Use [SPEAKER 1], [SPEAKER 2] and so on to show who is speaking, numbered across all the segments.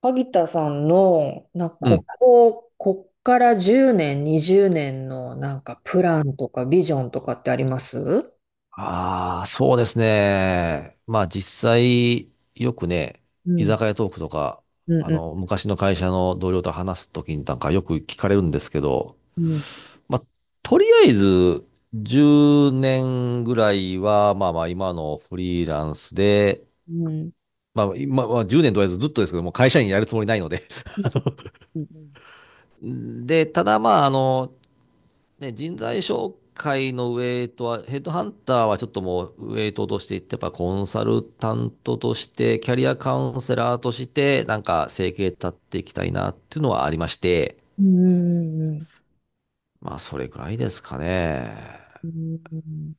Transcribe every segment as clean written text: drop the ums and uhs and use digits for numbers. [SPEAKER 1] 萩田さんの、な、
[SPEAKER 2] う
[SPEAKER 1] こ
[SPEAKER 2] ん。
[SPEAKER 1] こ、こっから10年、20年のなんかプランとかビジョンとかってありますう？
[SPEAKER 2] ああ、そうですね。まあ実際、よくね、居
[SPEAKER 1] ん、
[SPEAKER 2] 酒屋トークとか、
[SPEAKER 1] うん、
[SPEAKER 2] 昔の会社の同僚と話すときになんかよく聞かれるんですけど、
[SPEAKER 1] うん、うん、
[SPEAKER 2] まあ、とりあえず、10年ぐらいは、まあまあ今のフリーランスで、
[SPEAKER 1] うん、
[SPEAKER 2] まあ今は10年とりあえずずっとですけども、会社員やるつもりないので。
[SPEAKER 1] うん、うん、
[SPEAKER 2] で、ただまあ、ね、人材紹介のウェイトは、ヘッドハンターはちょっともうウェイトとしていって、やっぱコンサルタントとして、キャリアカウンセラーとして、なんか生計立っていきたいなっていうのはありまして、まあそれぐらいですかね。
[SPEAKER 1] うん、うん、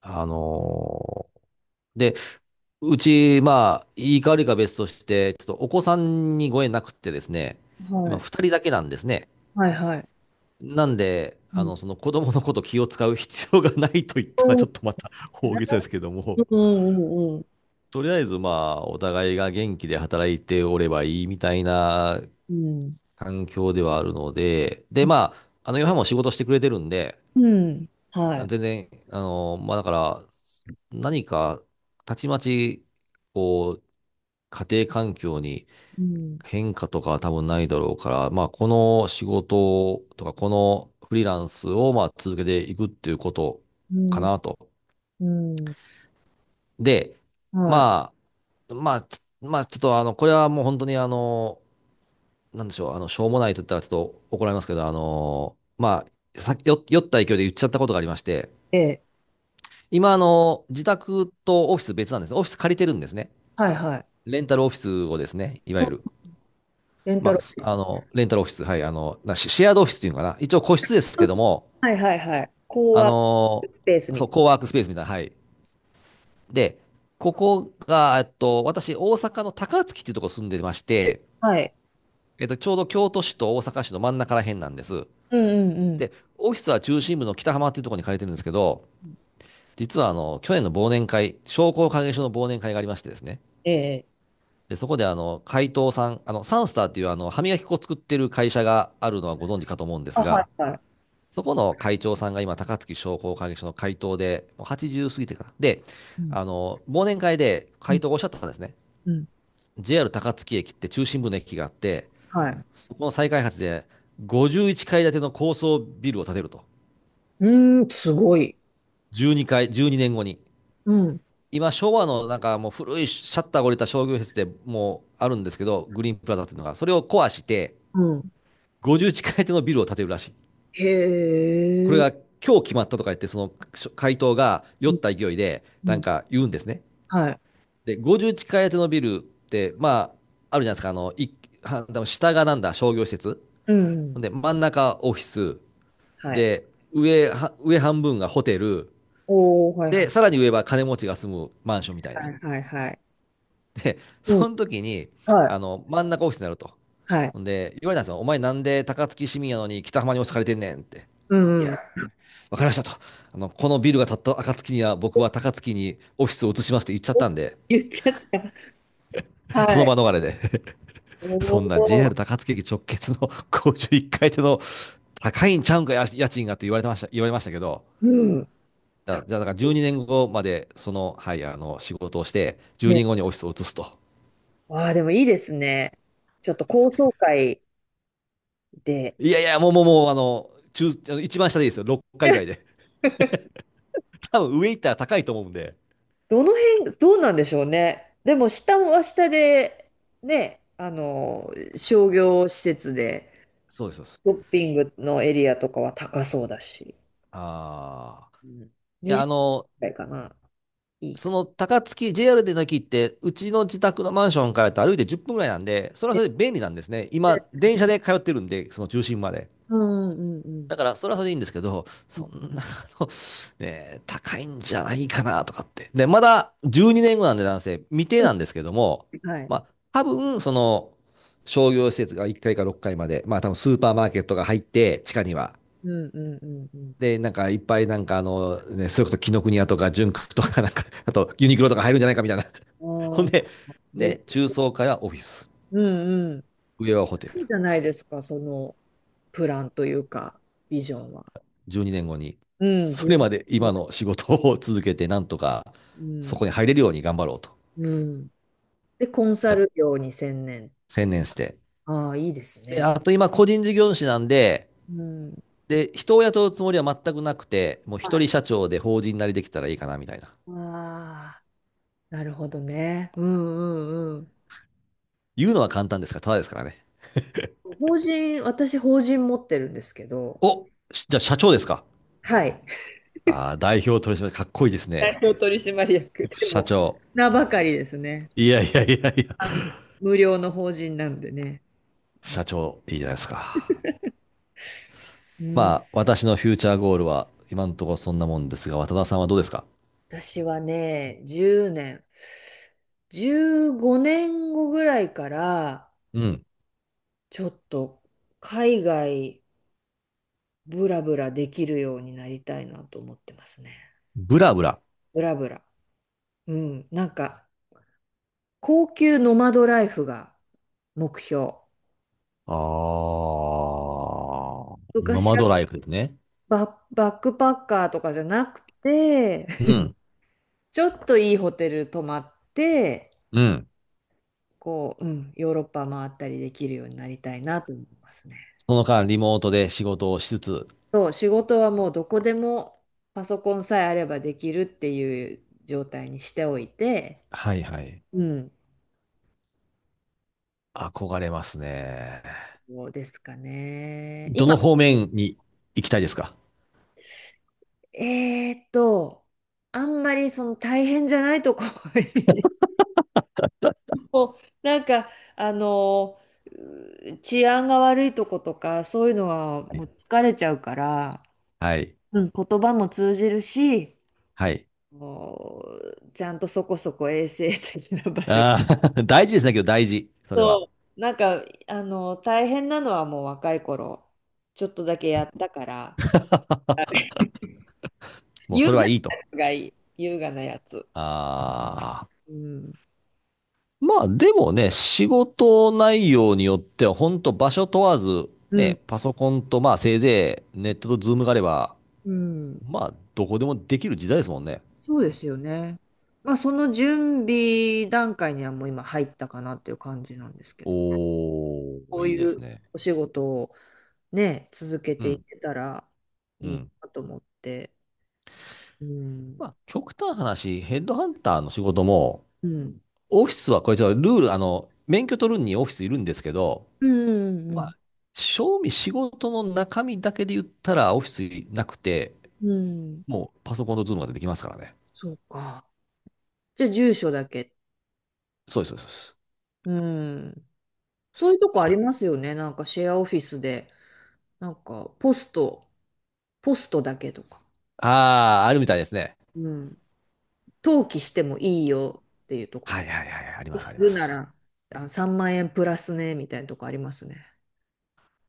[SPEAKER 2] あのーで、うち、まあ、いいか悪いか別として、ちょっとお子さんにご縁なくってですね、
[SPEAKER 1] は
[SPEAKER 2] 今
[SPEAKER 1] い、
[SPEAKER 2] 2人だけなんですね。
[SPEAKER 1] はい、はい。
[SPEAKER 2] なんで、
[SPEAKER 1] うん、
[SPEAKER 2] その子供のこと気を使う必要がないと言っ
[SPEAKER 1] う
[SPEAKER 2] たら
[SPEAKER 1] ん、
[SPEAKER 2] ちょっとまた大げさですけど
[SPEAKER 1] う
[SPEAKER 2] も、
[SPEAKER 1] ん、うんうん、
[SPEAKER 2] とりあえずまあ、お互いが元気で働いておればいいみたいな
[SPEAKER 1] うん、
[SPEAKER 2] 環境ではあるので、でまあ、ヨハンも仕事してくれてるんで、
[SPEAKER 1] うんは
[SPEAKER 2] 全
[SPEAKER 1] い、
[SPEAKER 2] 然、まあだから、何か、たちまち、こう、家庭環境に
[SPEAKER 1] うん、
[SPEAKER 2] 変化とかは多分ないだろうから、まあ、この仕事とか、このフリーランスをまあ続けていくっていうこと
[SPEAKER 1] う
[SPEAKER 2] か
[SPEAKER 1] ん、
[SPEAKER 2] なと。
[SPEAKER 1] うん、
[SPEAKER 2] で、
[SPEAKER 1] は
[SPEAKER 2] まあ、ちょっとこれはもう本当になんでしょう、しょうもないと言ったらちょっと怒られますけど、まあ、酔った勢いで言っちゃったことがありまして、
[SPEAKER 1] い、ええ、
[SPEAKER 2] 今、自宅とオフィス別なんですね。オフィス借りてるんですね。
[SPEAKER 1] はい、はい。
[SPEAKER 2] レンタルオフィスをですね、いわゆる。
[SPEAKER 1] レンタ
[SPEAKER 2] ま
[SPEAKER 1] ル、
[SPEAKER 2] あ、すあの、レンタルオフィス、はい、シシェアードオフィスっていうのかな。一応個室ですけども、
[SPEAKER 1] はい、はい、はい。
[SPEAKER 2] あ
[SPEAKER 1] こう
[SPEAKER 2] の
[SPEAKER 1] スペースみ
[SPEAKER 2] そう、
[SPEAKER 1] た
[SPEAKER 2] コ
[SPEAKER 1] い
[SPEAKER 2] ワークスペースみたいな、はい。で、ここが、私、大阪の高槻っていうところ住んでまして、
[SPEAKER 1] な。はい。
[SPEAKER 2] ちょうど京都市と大阪市の真ん中ら辺なんです。
[SPEAKER 1] うんうんうん。
[SPEAKER 2] で、オフィスは中心部の北浜っていうところに借りてるんですけど、実は去年の忘年会、商工会議所の忘年会がありましてですね。
[SPEAKER 1] ええ。
[SPEAKER 2] で、そこで会頭さん、サンスターっていう歯磨き粉を作ってる会社があるのはご存知かと思うんで
[SPEAKER 1] あ、
[SPEAKER 2] す
[SPEAKER 1] はい、
[SPEAKER 2] が、
[SPEAKER 1] はい。
[SPEAKER 2] そこの会長さんが今、高槻商工会議所の会頭で、もう80過ぎてから。で、
[SPEAKER 1] うん、
[SPEAKER 2] 忘年会で
[SPEAKER 1] うん、
[SPEAKER 2] 会頭がおっしゃったんですね。
[SPEAKER 1] うん。
[SPEAKER 2] JR 高槻駅って中心部の駅があって、
[SPEAKER 1] はい。
[SPEAKER 2] そこの再開発で51階建ての高層ビルを建てると。
[SPEAKER 1] うーん、すごい。
[SPEAKER 2] 12年後にねんごに。
[SPEAKER 1] うん。
[SPEAKER 2] 今、昭和のなんかもう古いシャッターが降りた商業施設でもうあるんですけど、グリーンプラザっていうのが、それを壊して、
[SPEAKER 1] うん。
[SPEAKER 2] 50地い手のビルを建てるらしい。
[SPEAKER 1] へ
[SPEAKER 2] これ
[SPEAKER 1] え。
[SPEAKER 2] が今日決まったとか言って、その回答が酔
[SPEAKER 1] う
[SPEAKER 2] っ
[SPEAKER 1] ん、
[SPEAKER 2] た勢いで、
[SPEAKER 1] う
[SPEAKER 2] なん
[SPEAKER 1] ん。
[SPEAKER 2] か言うんですね。
[SPEAKER 1] はい。
[SPEAKER 2] で、50地い手のビルって、まあ、あるじゃないですか、は下がなんだ、商業施設。
[SPEAKER 1] うん。
[SPEAKER 2] で、真ん中オフィス。
[SPEAKER 1] はい。
[SPEAKER 2] で、上半分がホテル。
[SPEAKER 1] おお、はいは
[SPEAKER 2] で、
[SPEAKER 1] い
[SPEAKER 2] さらに上は金持ちが住むマンションみたい
[SPEAKER 1] は
[SPEAKER 2] な。
[SPEAKER 1] いはいはい。
[SPEAKER 2] で、
[SPEAKER 1] うん。
[SPEAKER 2] その時に、
[SPEAKER 1] はい。
[SPEAKER 2] 真ん中オフィスになると。
[SPEAKER 1] はい。
[SPEAKER 2] ほんで、言われたんですよ。お前なんで高槻市民やのに北浜に押借りてんねんって。
[SPEAKER 1] う
[SPEAKER 2] い
[SPEAKER 1] ん
[SPEAKER 2] や、
[SPEAKER 1] うん。
[SPEAKER 2] わかりましたと。このビルが建った暁には僕は高槻にオフィスを移しますって言っちゃっ
[SPEAKER 1] お
[SPEAKER 2] たんで、
[SPEAKER 1] 言っちゃった。
[SPEAKER 2] そ
[SPEAKER 1] は
[SPEAKER 2] の
[SPEAKER 1] い。
[SPEAKER 2] 場逃れで。
[SPEAKER 1] お
[SPEAKER 2] そんな
[SPEAKER 1] お。
[SPEAKER 2] JR 高槻駅直結の 51階建の高いんちゃうんか、や家賃がって言われましたけど、
[SPEAKER 1] うん。た
[SPEAKER 2] だじ
[SPEAKER 1] く
[SPEAKER 2] ゃあだ
[SPEAKER 1] さん。
[SPEAKER 2] から12年後までその、はい、仕事をして、12
[SPEAKER 1] ね。
[SPEAKER 2] 年後にオフィスを移すと。
[SPEAKER 1] わあ、でもいいですね。ちょっと高層階で。
[SPEAKER 2] いやいや、もうもうもう、あの、中、あの一番下でいいですよ。6回ぐ らいで。多分上行ったら高いと思うんで。
[SPEAKER 1] どの辺、どうなんでしょうね。でも、下は下で、ね、あの、商業施設で、
[SPEAKER 2] そうです、そうです。
[SPEAKER 1] ショッピングのエリアとかは高そうだし、
[SPEAKER 2] ああ。
[SPEAKER 1] うん。
[SPEAKER 2] いや、
[SPEAKER 1] くらいかな。いい
[SPEAKER 2] そ
[SPEAKER 1] か。
[SPEAKER 2] の高槻、JR での駅って、うちの自宅のマンションからと歩いて10分ぐらいなんで、それはそれで便利なんですね。今、電車で通ってるんで、その中心まで。
[SPEAKER 1] うんうんうん
[SPEAKER 2] だから、それはそれでいいんですけど、
[SPEAKER 1] う
[SPEAKER 2] そ
[SPEAKER 1] ん。
[SPEAKER 2] んな、ね、高いんじゃないかなとかって。で、まだ12年後なんで、男性、未定
[SPEAKER 1] う
[SPEAKER 2] なんですけども、
[SPEAKER 1] んはい。
[SPEAKER 2] まあ、多分、その、商業施設が1階か6階まで、まあ、多分スーパーマーケットが入って、地下には。
[SPEAKER 1] うんうんうん
[SPEAKER 2] で、なんか、いっぱい、なんか、ね、それこそ紀ノ国屋とか、純駆とか、なんか、あと、ユニクロとか入るんじゃないかみたいな。
[SPEAKER 1] う
[SPEAKER 2] ほん
[SPEAKER 1] ん。あ
[SPEAKER 2] で、
[SPEAKER 1] あ、で、
[SPEAKER 2] 中
[SPEAKER 1] そ
[SPEAKER 2] 層階はオフィス、
[SPEAKER 1] うんうん。
[SPEAKER 2] 上はホテル。
[SPEAKER 1] いいじゃないですか、そのプランというか、ビジョンは。
[SPEAKER 2] 12年後にねんごに、
[SPEAKER 1] うん。
[SPEAKER 2] それまで今の仕事を続けて、なんとか
[SPEAKER 1] う
[SPEAKER 2] そ
[SPEAKER 1] ん。
[SPEAKER 2] こに入れるように頑張ろうと。
[SPEAKER 1] うん。で、コンサル業に専念っ
[SPEAKER 2] 専
[SPEAKER 1] て。
[SPEAKER 2] 念して。
[SPEAKER 1] ああ、いいです
[SPEAKER 2] で、
[SPEAKER 1] ね。
[SPEAKER 2] あと今、個人事業主なんで、
[SPEAKER 1] うん。は
[SPEAKER 2] で、人を雇うつもりは全くなくて、もう
[SPEAKER 1] い
[SPEAKER 2] 一人社長で法人なりできたらいいかな、みたいな。
[SPEAKER 1] ああ、なるほどね。うんうんうん。
[SPEAKER 2] 言うのは簡単ですから、ただですからね。
[SPEAKER 1] 法人、私法人持ってるんですけど、
[SPEAKER 2] お、じゃあ社長ですか。
[SPEAKER 1] はい。
[SPEAKER 2] ああ、代表取締役かっこいいです
[SPEAKER 1] 代
[SPEAKER 2] ね。
[SPEAKER 1] 表取締役で。
[SPEAKER 2] 社
[SPEAKER 1] も、
[SPEAKER 2] 長。
[SPEAKER 1] 名ばかりですね。
[SPEAKER 2] いやいやいやいや。
[SPEAKER 1] あの、無料の法人なんでね。うん、
[SPEAKER 2] 社長、いいじゃないですか。
[SPEAKER 1] うん
[SPEAKER 2] まあ、私のフューチャーゴールは、今のところそんなもんですが、渡田さんはどうですか？
[SPEAKER 1] 私はね、10年、15年後ぐらいから、
[SPEAKER 2] うん。
[SPEAKER 1] ちょっと海外ブラブラできるようになりたいなと思ってますね。
[SPEAKER 2] ブラブラ。
[SPEAKER 1] ブラブラ。うん、なんか、高級ノマドライフが目標。
[SPEAKER 2] あー、ノ
[SPEAKER 1] 昔
[SPEAKER 2] マ
[SPEAKER 1] は
[SPEAKER 2] ドライフですね。
[SPEAKER 1] バックパッカーとかじゃなくて、
[SPEAKER 2] う ん。
[SPEAKER 1] ちょっといいホテル泊まって、
[SPEAKER 2] うん。
[SPEAKER 1] こう、うん、ヨーロッパ回ったりできるようになりたいなと思いますね。
[SPEAKER 2] その間、リモートで仕事をしつつ。
[SPEAKER 1] そう、仕事はもうどこでもパソコンさえあればできるっていう状態にしておいて、
[SPEAKER 2] はいはい。
[SPEAKER 1] うん、
[SPEAKER 2] 憧れますね。
[SPEAKER 1] そうですかね。
[SPEAKER 2] ど
[SPEAKER 1] 今、
[SPEAKER 2] の方面に行きたいですか？
[SPEAKER 1] えーっと、あんまりその大変じゃないとこ もうなんかあのう治安が悪いとことかそういうのは
[SPEAKER 2] はい
[SPEAKER 1] もう疲れちゃうから、
[SPEAKER 2] はい。
[SPEAKER 1] うん、言葉も通じるし
[SPEAKER 2] はい。
[SPEAKER 1] もうちゃんとそこそこ衛生的な場所。
[SPEAKER 2] あー 大事ですね、けど大事。それ
[SPEAKER 1] そ
[SPEAKER 2] は。
[SPEAKER 1] う、なんかあの大変なのはもう若い頃ちょっとだけやったから、
[SPEAKER 2] もう
[SPEAKER 1] 優
[SPEAKER 2] それはい
[SPEAKER 1] 雅
[SPEAKER 2] いと。
[SPEAKER 1] がいい、優雅なやつ。
[SPEAKER 2] ああ。
[SPEAKER 1] うん
[SPEAKER 2] まあでもね、仕事内容によっては、本当場所問わず、
[SPEAKER 1] うん、
[SPEAKER 2] ね、パソコンとまあせいぜいネットとズームがあれば、
[SPEAKER 1] うん、
[SPEAKER 2] まあ、どこでもできる時代ですもんね。
[SPEAKER 1] そうですよね。まあ、その準備段階にはもう今入ったかなっていう感じなんですけど。
[SPEAKER 2] お
[SPEAKER 1] こ
[SPEAKER 2] ー、
[SPEAKER 1] う
[SPEAKER 2] いい
[SPEAKER 1] い
[SPEAKER 2] です
[SPEAKER 1] う
[SPEAKER 2] ね。
[SPEAKER 1] お仕事をね、続け
[SPEAKER 2] う
[SPEAKER 1] てい
[SPEAKER 2] ん、
[SPEAKER 1] けたら
[SPEAKER 2] う
[SPEAKER 1] いい
[SPEAKER 2] ん。
[SPEAKER 1] なと思って。うん。
[SPEAKER 2] まあ、極端な話、ヘッドハンターの仕事も、
[SPEAKER 1] うん。
[SPEAKER 2] オフィスはこれちょっとルール、免許取るにオフィスいるんですけど、
[SPEAKER 1] うん。う
[SPEAKER 2] ま
[SPEAKER 1] ん。
[SPEAKER 2] あ、正味仕事の中身だけで言ったらオフィスなくて、
[SPEAKER 1] うん。
[SPEAKER 2] もうパソコンとズームができますからね。
[SPEAKER 1] そうか。じゃあ、住所だけ。
[SPEAKER 2] そうです、そうです。そうです。
[SPEAKER 1] うん。そういうとこ
[SPEAKER 2] あ
[SPEAKER 1] あり
[SPEAKER 2] の
[SPEAKER 1] ますよね。なんかシェアオフィスで、なんかポスト、ポストだけとか。
[SPEAKER 2] あるみたいですね。
[SPEAKER 1] うん。登記してもいいよっていうとこ
[SPEAKER 2] は
[SPEAKER 1] と。
[SPEAKER 2] いはいはいはい、あります、あ
[SPEAKER 1] す
[SPEAKER 2] りま
[SPEAKER 1] るな
[SPEAKER 2] す。
[SPEAKER 1] ら、あ、3万円プラスね、みたいなとこありますね。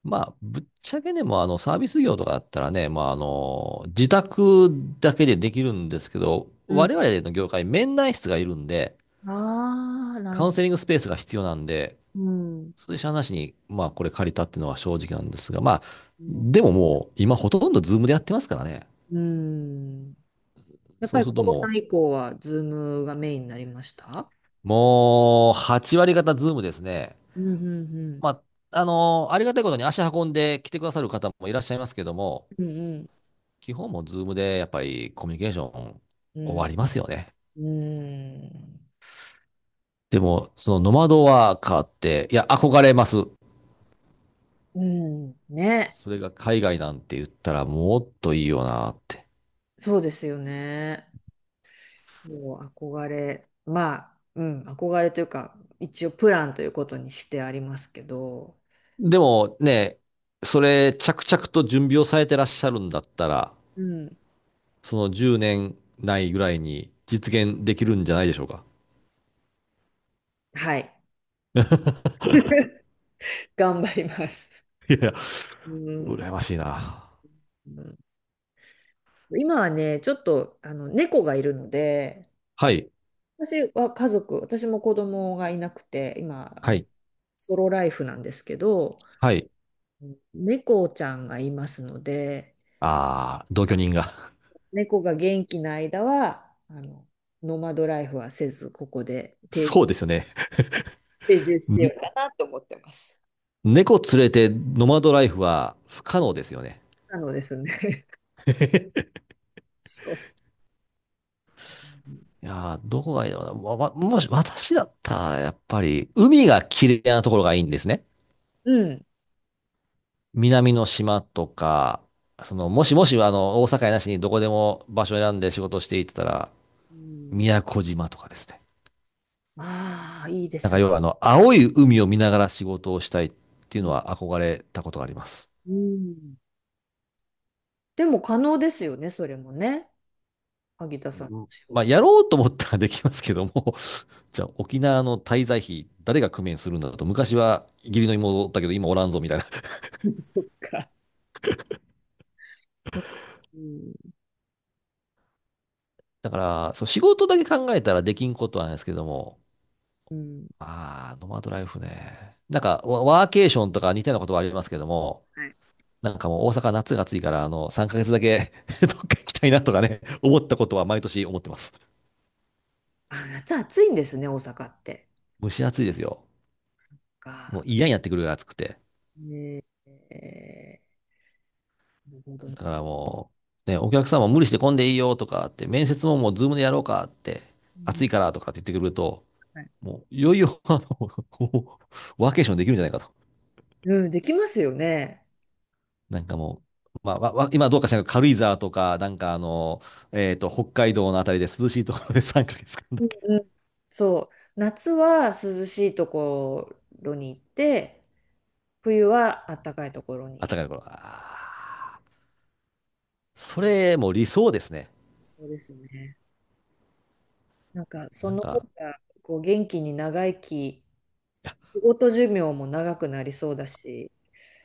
[SPEAKER 2] まあ、ぶっちゃけでも、サービス業とかだったらね、まあ、自宅だけでできるんですけど、
[SPEAKER 1] う
[SPEAKER 2] 我
[SPEAKER 1] ん。
[SPEAKER 2] 々の業界、面談室がいるんで、
[SPEAKER 1] ああ、なる
[SPEAKER 2] カ
[SPEAKER 1] ほ
[SPEAKER 2] ウンセリングスペースが必要なんで、
[SPEAKER 1] ど。うん。
[SPEAKER 2] それしゃあなしに、まあ、これ借りたっていうのは正直なんですが、まあ、
[SPEAKER 1] うん
[SPEAKER 2] でももう、今ほとんどズームでやってますからね。
[SPEAKER 1] うん。やっ
[SPEAKER 2] そ
[SPEAKER 1] ぱ
[SPEAKER 2] う
[SPEAKER 1] り
[SPEAKER 2] する
[SPEAKER 1] コ
[SPEAKER 2] と
[SPEAKER 1] ロ
[SPEAKER 2] も
[SPEAKER 1] ナ以降はズームがメインになりました？
[SPEAKER 2] う、もう、8割方ズームですね。
[SPEAKER 1] うんうんう
[SPEAKER 2] ま
[SPEAKER 1] ん。
[SPEAKER 2] あ、ありがたいことに足運んで来てくださる方もいらっしゃいますけども、
[SPEAKER 1] うん
[SPEAKER 2] 基本もズームでやっぱりコミュニケーション
[SPEAKER 1] う
[SPEAKER 2] 終
[SPEAKER 1] ん。
[SPEAKER 2] わりますよね。
[SPEAKER 1] うん。うん。
[SPEAKER 2] でも、そのノマドワーカーって、いや、憧れます。
[SPEAKER 1] うんね。
[SPEAKER 2] それが海外なんて言ったらもっといいよなって。
[SPEAKER 1] そうですよね。そう、憧れ。まあ、うん、憧れというか、一応プランということにしてありますけど、
[SPEAKER 2] でもね、それ着々と準備をされてらっしゃるんだったら、
[SPEAKER 1] うん。
[SPEAKER 2] その10年ないぐらいに実現できるんじゃないでしょうか。
[SPEAKER 1] はい。頑張ります。
[SPEAKER 2] いやいや、
[SPEAKER 1] うん。
[SPEAKER 2] 羨ましいな。
[SPEAKER 1] うん、今はね、ちょっとあの猫がいるので、
[SPEAKER 2] はい、
[SPEAKER 1] 私は家族、私も子供がいなくて、今、あ
[SPEAKER 2] は
[SPEAKER 1] の、
[SPEAKER 2] い、
[SPEAKER 1] ソロライフなんですけど、
[SPEAKER 2] はい。
[SPEAKER 1] 猫ちゃんがいますので、
[SPEAKER 2] あー、同居人が。
[SPEAKER 1] 猫が元気な間は、あの、ノマドライフはせず、ここで定
[SPEAKER 2] そう
[SPEAKER 1] 住、
[SPEAKER 2] ですよね。
[SPEAKER 1] 定住してよう
[SPEAKER 2] ん
[SPEAKER 1] かなと思ってます。
[SPEAKER 2] 猫連れてノマドライフは不可能ですよね。
[SPEAKER 1] なのですね。そう。
[SPEAKER 2] いやー、どこがいいだろうな。もし、私だったら、やっぱり、海が綺麗なところがいいんですね。
[SPEAKER 1] うん。
[SPEAKER 2] 南の島とか、もしもし、大阪やなしにどこでも場所を選んで仕事をしていってたら、
[SPEAKER 1] うん。
[SPEAKER 2] 宮古島とかですね。
[SPEAKER 1] ああ、いいで
[SPEAKER 2] なん
[SPEAKER 1] す
[SPEAKER 2] か、
[SPEAKER 1] ね。
[SPEAKER 2] 要は、青い海を見ながら仕事をしたいっていうのは憧れたことがあります。
[SPEAKER 1] うん。でも可能ですよね、それもね。萩田さんの仕
[SPEAKER 2] まあ、
[SPEAKER 1] 事。
[SPEAKER 2] やろうと思ったらできますけども、じゃあ、沖縄の滞在費、誰が工面するんだと、昔は義理の妹だったけど、今おらんぞ、みたいな。
[SPEAKER 1] そっか。うん。
[SPEAKER 2] だから、そう、仕事だけ考えたらできんことはないですけども、
[SPEAKER 1] うん。
[SPEAKER 2] ああ、ノマドライフね。なんか、ワワーケーションとか似たようなことはありますけども、
[SPEAKER 1] はい。
[SPEAKER 2] なんかもう大阪夏が暑いから、3ヶ月だけ どっか行きたいなとかね、思ったことは毎年思ってます。
[SPEAKER 1] あ、夏暑いんですね、大阪って。
[SPEAKER 2] 蒸し暑いですよ。
[SPEAKER 1] そっ
[SPEAKER 2] もう
[SPEAKER 1] か。
[SPEAKER 2] 嫌になってくるぐらい暑くて。
[SPEAKER 1] ねえ、なるほどね。
[SPEAKER 2] だからもう、ね、お客さんも無理して混んでいいよとかって、面接ももうズームでやろうかって、
[SPEAKER 1] うん。
[SPEAKER 2] 暑いからとかって言ってくると、
[SPEAKER 1] はい。
[SPEAKER 2] もういよいよ、ワーケーションできるんじゃないかと。
[SPEAKER 1] うん、できますよね。
[SPEAKER 2] なんかもう、まあ、今どうかしらんけど、軽井沢とか、なんか北海道のあたりで涼しいところで3ヶ月間だ
[SPEAKER 1] うん
[SPEAKER 2] け。
[SPEAKER 1] うん。そう。夏は涼しいところに行って、冬は暖かいところ
[SPEAKER 2] 暖
[SPEAKER 1] に。
[SPEAKER 2] かいところ。それもう理想ですね。
[SPEAKER 1] そうですね。なんか、そ
[SPEAKER 2] なん
[SPEAKER 1] の方
[SPEAKER 2] か、
[SPEAKER 1] が、こう、元気に長生き、
[SPEAKER 2] いや、
[SPEAKER 1] 仕事寿命も長くなりそうだし、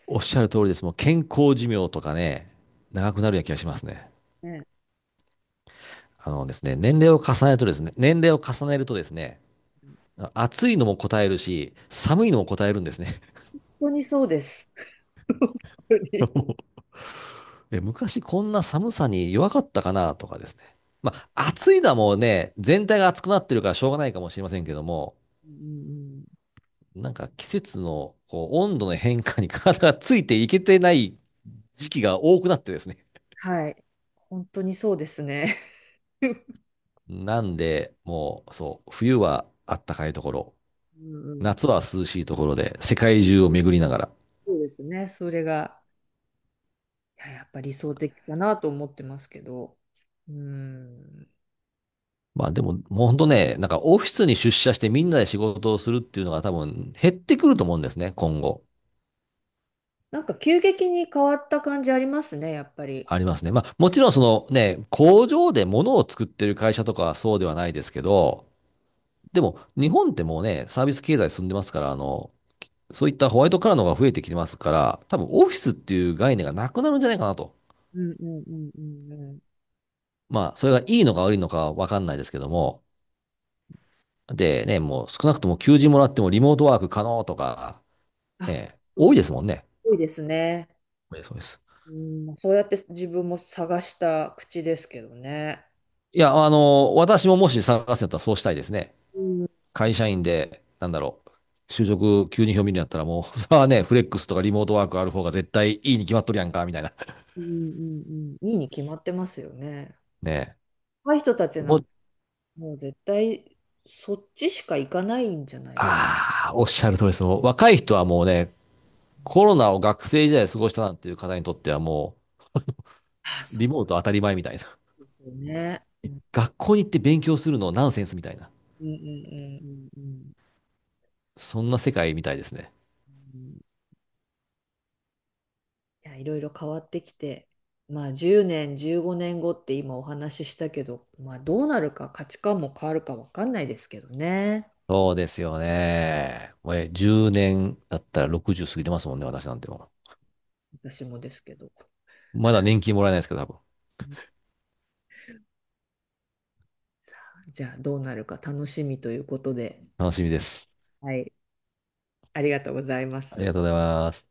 [SPEAKER 2] おっしゃる通りです。もう健康寿命とかね、長くなるような気がしますね。
[SPEAKER 1] ね。
[SPEAKER 2] あのですね、年齢を重ねるとですね、年齢を重ねるとですね、
[SPEAKER 1] うん。
[SPEAKER 2] 暑いのも答えるし、寒いのも答えるんですね。
[SPEAKER 1] 本当にそうです。本当に。
[SPEAKER 2] 昔こんな寒さに弱かったかなとかですね。まあ、暑いのはもうね、全体が暑くなってるからしょうがないかもしれませんけども、
[SPEAKER 1] うんうんうん。
[SPEAKER 2] なんか季節のこう温度の変化に体がついていけてない時期が多くなってですね。
[SPEAKER 1] はい。本当にそうですね。
[SPEAKER 2] なんで、もう、そう、冬はあったかいところ、
[SPEAKER 1] うんうん、
[SPEAKER 2] 夏は涼しいところで、世界中を巡りながら。
[SPEAKER 1] そうですね。それが、いや、やっぱ理想的かなと思ってますけど。うん。
[SPEAKER 2] まあでも、もうほんとね、なんかオフィスに出社してみんなで仕事をするっていうのが多分減ってくると思うんですね、今後。
[SPEAKER 1] なんか急激に変わった感じありますね、やっぱり。
[SPEAKER 2] ありますね。まあ、もちろんそのね、工場で物を作ってる会社とかはそうではないですけど、でも日本ってもうね、サービス経済進んでますから、そういったホワイトカラーの方が増えてきてますから、多分オフィスっていう概念がなくなるんじゃないかなと。
[SPEAKER 1] うんうんうんうんうん。
[SPEAKER 2] まあ、それがいいのか悪いのかわかんないですけども。でね、もう少なくとも求人もらってもリモートワーク可能とか、
[SPEAKER 1] あ、
[SPEAKER 2] ね、
[SPEAKER 1] う
[SPEAKER 2] 多
[SPEAKER 1] ん、
[SPEAKER 2] いですもんね。
[SPEAKER 1] 多いですね。
[SPEAKER 2] そうです。そうです。
[SPEAKER 1] うん、そうやって自分も探した口ですけどね。
[SPEAKER 2] いや、私ももし探すんだったらそうしたいですね。
[SPEAKER 1] うん
[SPEAKER 2] 会社員で、なんだろう、就職急に表明になったらもう、それはね、フレックスとかリモートワークある方が絶対いいに決まっとるやんか、みたいな。
[SPEAKER 1] うんうんうん。いいに決まってますよね。
[SPEAKER 2] ね
[SPEAKER 1] 若い人たち
[SPEAKER 2] え。
[SPEAKER 1] な
[SPEAKER 2] も
[SPEAKER 1] ん、
[SPEAKER 2] う、
[SPEAKER 1] もう絶対そっちしか行かないんじゃないか
[SPEAKER 2] ああ、おっしゃる通りです。もう若い人はもうね、コロナを学生時代過ごしたなんていう方にとってはも
[SPEAKER 1] な。あ、
[SPEAKER 2] う、
[SPEAKER 1] そ
[SPEAKER 2] リ
[SPEAKER 1] う
[SPEAKER 2] モート当たり前みたいな。
[SPEAKER 1] ですよね。うん
[SPEAKER 2] 学校に行って勉強するのナンセンスみたいな。
[SPEAKER 1] うんうんうんうんうん
[SPEAKER 2] そんな世界みたいですね。
[SPEAKER 1] うん。いや、いろいろ変わってきて、まあ10年、15年後って今お話ししたけど、まあどうなるか価値観も変わるかわかんないですけどね。
[SPEAKER 2] そうですよね。もう10年だったら60過ぎてますもんね、私なんても
[SPEAKER 1] 私もですけど。
[SPEAKER 2] う。まだ年金もらえないですけど、多分。
[SPEAKER 1] じゃあどうなるか楽しみということで、
[SPEAKER 2] 楽しみです。
[SPEAKER 1] はい、ありがとうございま
[SPEAKER 2] あり
[SPEAKER 1] す。
[SPEAKER 2] がとうございます。